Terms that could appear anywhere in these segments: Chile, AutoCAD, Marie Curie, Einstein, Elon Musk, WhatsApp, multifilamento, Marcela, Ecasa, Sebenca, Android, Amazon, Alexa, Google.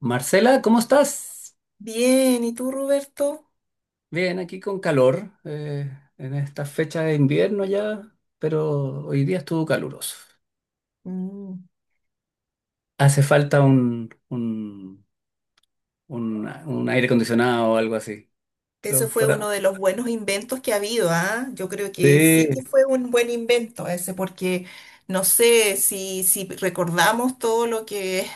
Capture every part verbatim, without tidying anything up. Marcela, ¿cómo estás? Bien, ¿y tú, Roberto? Bien, aquí con calor, eh, en esta fecha de invierno ya, pero hoy día estuvo caluroso. Mm. Hace falta un, un, un- un aire acondicionado o algo así. Eso Pero fue por a- uno de los buenos inventos que ha habido, ¿ah? Yo creo que Sí, sí que fue un buen invento ese, porque no sé si, si recordamos todo lo que,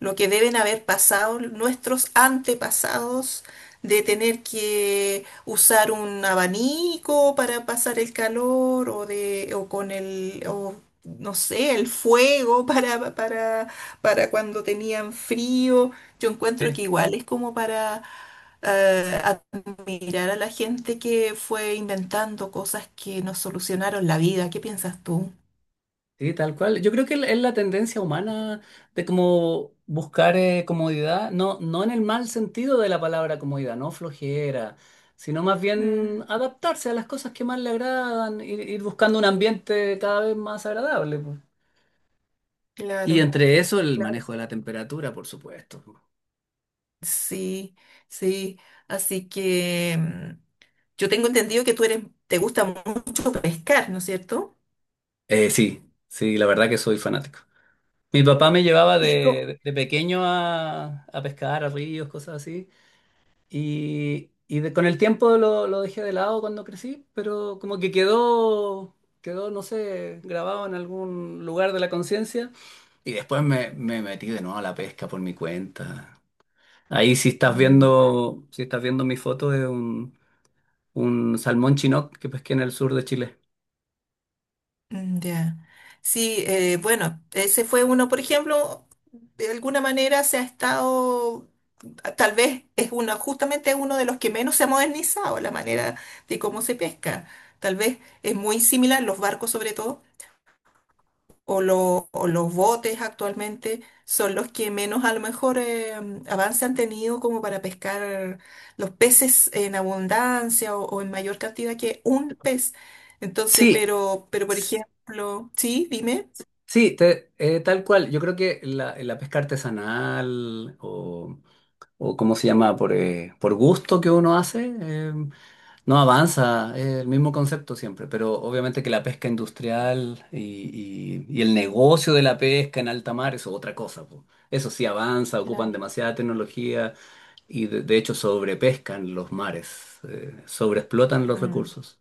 lo que deben haber pasado nuestros antepasados de tener que usar un abanico para pasar el calor o de, o con el, o no sé, el fuego para, para, para cuando tenían frío. Yo encuentro sí. que igual es como para eh, admirar a la gente que fue inventando cosas que nos solucionaron la vida. ¿Qué piensas tú? Sí, tal cual. Yo creo que es la tendencia humana de como buscar eh, comodidad, no, no en el mal sentido de la palabra comodidad, no flojera, sino más bien Mm. adaptarse a las cosas que más le agradan, ir, ir buscando un ambiente cada vez más agradable, po. Y Claro, entre eso el claro. manejo de la temperatura, por supuesto. Sí, sí. Así que mm, yo tengo entendido que tú eres, te gusta mucho pescar, ¿no es cierto? Eh, sí, sí, la verdad que soy fanático. Mi papá me llevaba Y co- de, de pequeño a, a pescar, a ríos, cosas así. Y, y de- con el tiempo lo, lo dejé de lado cuando crecí, pero como que quedó, quedó, no sé, grabado en algún lugar de la conciencia. Y después me, me metí de nuevo a la pesca por mi cuenta. Ahí si estás Mm. viendo, si estás viendo mi foto de un, un salmón chinook que pesqué en el sur de Chile. Mm. Ya. Sí, eh, bueno, ese fue uno, por ejemplo, de alguna manera se ha estado, tal vez es uno, justamente es uno de los que menos se ha modernizado la manera de cómo se pesca. Tal vez es muy similar, los barcos sobre todo o, lo- o los botes actualmente son los que menos a lo mejor eh, avance han tenido como para pescar los peces en abundancia o, o en mayor cantidad que un pez. Entonces, Sí, pero, pero por ejemplo, sí, dime. sí, te- eh, tal cual. Yo creo que la, la pesca artesanal o, o cómo se llama, por, eh, por gusto que uno hace, no avanza, es el mismo concepto siempre, pero obviamente que la pesca industrial y, y- y el negocio de la pesca en alta mar eso es otra cosa, po. Eso sí avanza, ocupan Claro. demasiada tecnología y de, de hecho sobrepescan los mares, eh, sobreexplotan los Mm. recursos.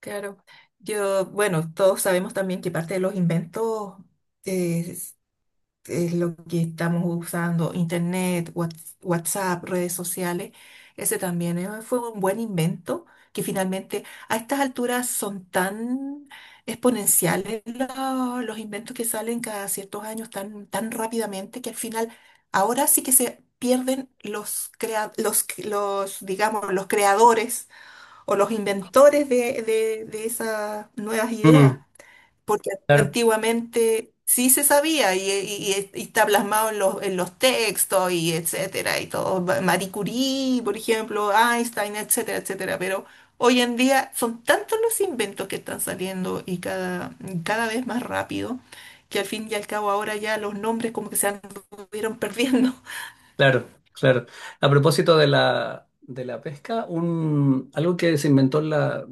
Claro. Yo, bueno, todos sabemos también que parte de los inventos eh, es lo que estamos usando, internet, Whats- WhatsApp, redes sociales, ese también eh, fue un buen invento que finalmente a estas alturas son tan exponenciales lo- los inventos que salen cada ciertos años tan, tan, rápidamente que al final ahora sí que se pierden los, crea- los, los, digamos, los creadores o los inventores de, de de esas nuevas ideas. Mm, Porque antiguamente sí se sabía y, y- y está plasmado en los, en los textos y etcétera, y todo. Marie Curie, por ejemplo, Einstein, etcétera, etcétera. Pero hoy en día son tantos los inventos que están saliendo y cada, cada vez más rápido, que al fin y al cabo ahora ya los nombres como que se anduvieron perdiendo. claro, claro. A propósito de la, de la pesca, un, algo que se inventó en la,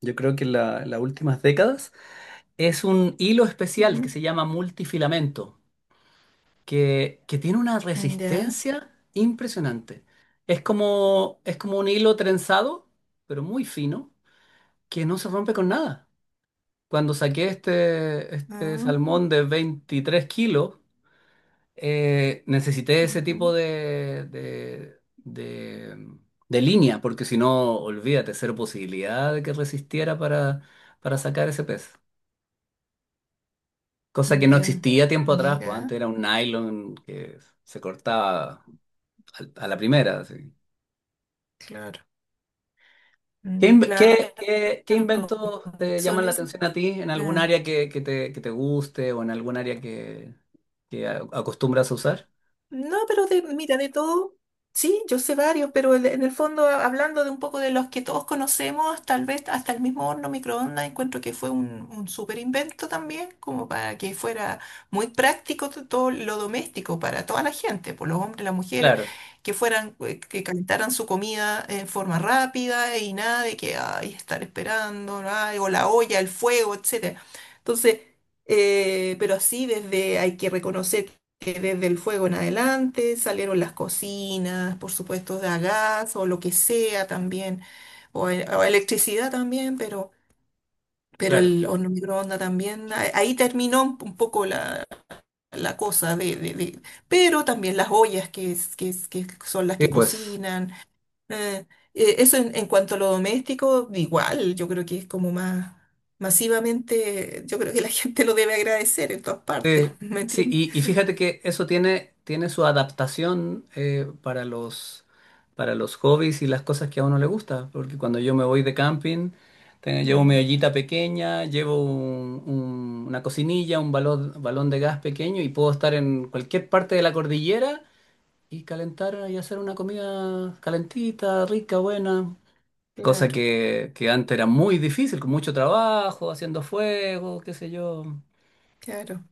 yo creo que en la- las últimas décadas es un hilo especial que Ujú. se llama multifilamento, que, que tiene una Ya. resistencia impresionante. Es como, es como un hilo trenzado, pero muy fino, que no se rompe con nada. Cuando saqué este, este Ah, salmón de veintitrés kilos, eh, necesité ese ujú. tipo de, de, de, de línea, porque si no, olvídate, cero posibilidad de que resistiera para, para sacar ese pez. Cosa que no Ya. existía tiempo atrás, pues Mira, antes era un nylon que se cortaba al- a la primera, así. claro. ¿Qué, Mm. inv- Claro. qué- qué- qué inventos te Son llaman la esos. atención a ti en algún Ah. área que, que te, que te guste o en algún área que, que a- acostumbras a usar? No, pero de, mira, de todo, sí, yo sé varios, pero el- en el fondo, a- hablando de un poco de los que todos conocemos, tal vez hasta el mismo horno microondas, encuentro que fue un, un súper invento también, como para que fuera muy práctico to- todo lo doméstico para toda la gente, por los hombres, las mujeres, Claro, que fueran, eh, que calentaran su comida en forma rápida y nada de que, ay, estar esperando, ay, o la olla, el fuego, etcétera. Entonces, eh, pero así desde hay que reconocer eh, desde el fuego en adelante, salieron las cocinas, por supuesto, de a gas o lo que sea también, o, e- o electricidad también, pero, pero, claro. el horno microondas también. a- Ahí terminó un un poco la, la cosa de, de- de- Pero también las ollas que, es- que, es- que son las Sí, que pues. cocinan. eh, eh, Eso en, en cuanto a lo doméstico, igual, yo creo que es como más masivamente, yo creo que la gente lo debe agradecer en todas partes, Sí, ¿me sí, entiendes? y, y fíjate que eso tiene, tiene su adaptación eh, para los, para los hobbies y las cosas que a uno le gusta. Porque cuando yo me voy de camping, te- llevo mi Mm. ollita pequeña, llevo un- un- una cocinilla, un balón, balón de gas pequeño y puedo estar en cualquier parte de la cordillera y calentar y hacer una comida calentita, rica, buena. Cosa Claro, que, que antes era muy difícil, con mucho trabajo, haciendo fuego, qué sé yo. claro.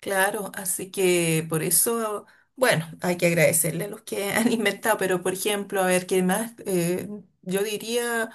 Claro, así que por eso, bueno, hay que agradecerle a los que han inventado, pero por ejemplo, a ver, ¿qué más? Eh, yo diría.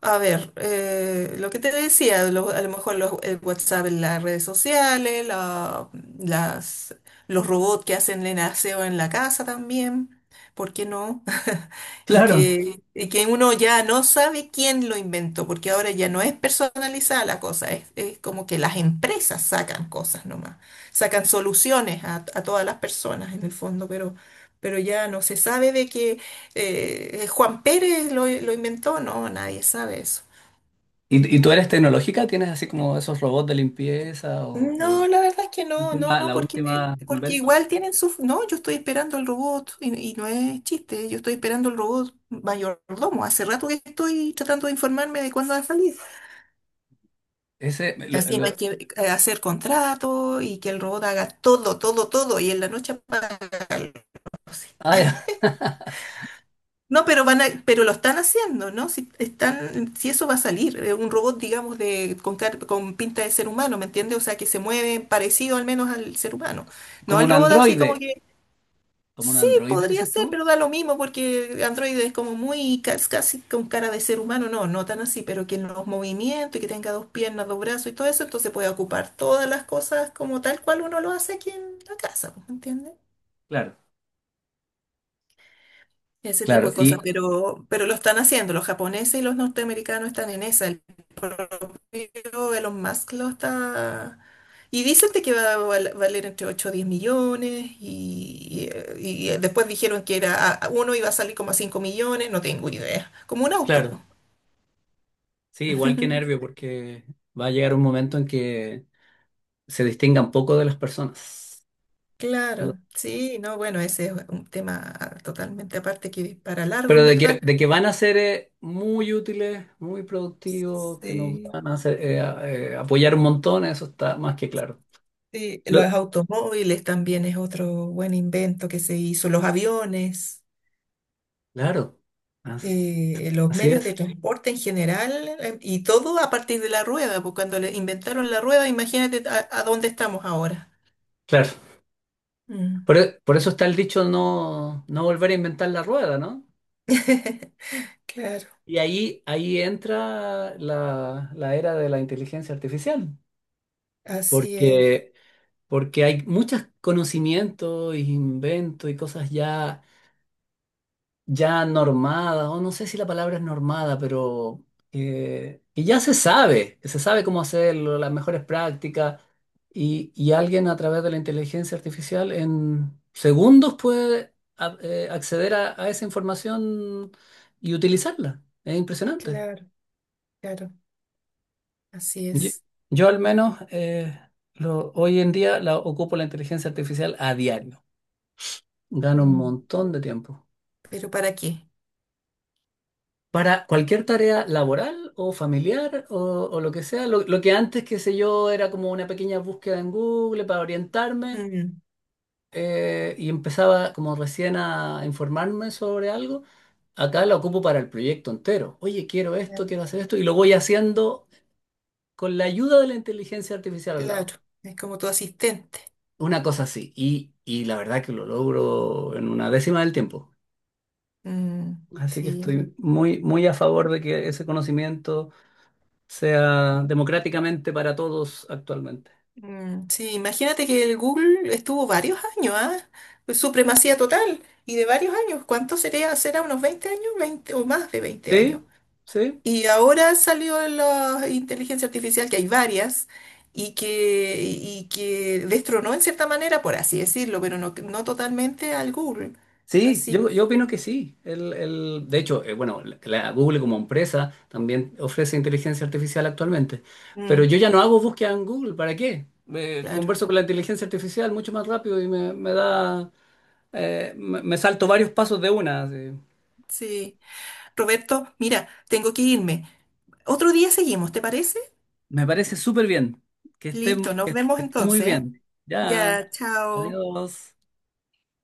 A ver, eh, lo que te decía, lo- a lo mejor los, el WhatsApp en las redes sociales, la- las, los robots que hacen el aseo en la casa también, ¿por qué no? Y Claro. que, y que uno ya no sabe quién lo inventó, porque ahora ya no es personalizada la cosa, es, es como que las empresas sacan cosas nomás, sacan soluciones a, a todas las personas en el fondo, pero, pero, ya no se sabe de qué eh, Juan Pérez lo, lo inventó, no, nadie sabe eso. ¿Y, y tú eres tecnológica? ¿Tienes así como esos robots de limpieza o, No, o la verdad es que la no, no, última- no, la porque, última porque invento? igual tienen su. No, yo estoy esperando el robot y, y no es chiste, yo estoy esperando el robot mayordomo. Hace rato que estoy tratando de informarme de cuándo va a salir. Ese, lo- Así no hay lo- que eh, hacer contrato y que el robot haga todo, todo, todo y en la noche apaga. ah, ya, No, pero van a, pero lo están haciendo, ¿no? Si están, si eso va a salir, eh, un robot, digamos, de, con, car- con pinta de ser humano, ¿me entiendes? O sea, que se mueve parecido al menos al ser humano. No, como el un robot así androide. como que, ¿Como un sí, androide, podría dices ser, tú? pero da lo mismo porque Android es como muy, cas- casi con cara de ser humano, no, no tan así, pero que los movimientos y que tenga dos piernas, dos brazos y todo eso, entonces puede ocupar todas las cosas como tal cual uno lo hace aquí en la casa, ¿me entiendes? Claro, Ese tipo claro. de Y cosas, pero, pero lo están haciendo, los japoneses y los norteamericanos están en esa, el propio Elon Musk lo está. Y dicen de que va a val- valer entre ocho o diez millones y, y- eh, y después dijeron que era a- uno iba a salir como a cinco millones, no tengo idea, como un auto. Po. claro, sí, igual que nervio, porque va a llegar un momento en que se distingan poco de las personas. Claro, sí, no, bueno, ese es un tema totalmente aparte que para largo, Pero en de verdad. que, de que van a ser eh, muy útiles, muy productivos, que nos Sí. van a hacer, eh, a- eh, apoyar un montón, eso está más que claro. Sí, Lo- los automóviles también es otro buen invento que se hizo, los aviones, claro, as- eh, los así medios es. de transporte en general, eh, y todo a partir de la rueda, porque cuando le inventaron la rueda, imagínate a, a dónde estamos ahora. Claro. Mm. Por, e- por eso está el dicho no, no volver a inventar la rueda, ¿no? Claro, Y ahí, ahí entra la, la era de la inteligencia artificial, así es, porque, porque hay muchos conocimientos, inventos y cosas ya ya normada, o no sé si la palabra es normada, pero eh, que ya se sabe, que se sabe cómo hacerlo, las mejores prácticas, y, y alguien a través de la inteligencia artificial en segundos puede a- eh, acceder a, a esa información y utilizarla. Es impresionante. claro, claro, así Yo, es. yo al menos eh, lo- hoy en día la, ocupo la inteligencia artificial a diario. Gano un Mm. montón de tiempo. Pero ¿para qué? Para cualquier tarea laboral o familiar o, o lo que sea, lo, lo que antes, qué sé yo, era como una pequeña búsqueda en Google para orientarme Mm. eh, y empezaba como recién a informarme sobre algo, acá la ocupo para el proyecto entero. Oye, quiero esto, quiero hacer esto y lo voy haciendo con la ayuda de la inteligencia artificial al lado. Claro, es como tu asistente. Una cosa así. Y, y la verdad que lo logro en una décima del tiempo. Mm. Así que Sí. estoy muy, muy a favor de que ese conocimiento sea democráticamente para todos actualmente. Mm, sí, imagínate que el Google estuvo varios años, ¿ah? Pues supremacía total y de varios años. ¿Cuánto sería? ¿Será unos veinte años? veinte o más de veinte Sí, años. sí, Y ahora salió la inteligencia artificial, que hay varias, y que, y que destronó en cierta manera, por así decirlo, pero no, no totalmente al Google. sí, Así yo, yo que, opino que sí. El, el- de hecho, eh, bueno, la la Google como empresa también ofrece inteligencia artificial actualmente, pero mm, yo ya no hago búsqueda en Google, ¿para qué? Eh, claro, Converso con la inteligencia artificial mucho más rápido y me, me da, eh, me, me salto varios pasos de una, así. sí. Roberto, mira, tengo que irme. Otro día seguimos, ¿te parece? Me parece súper bien, que esté, Listo, nos que vemos esté muy entonces, ¿ah? bien. Ya, Ya, chao. adiós.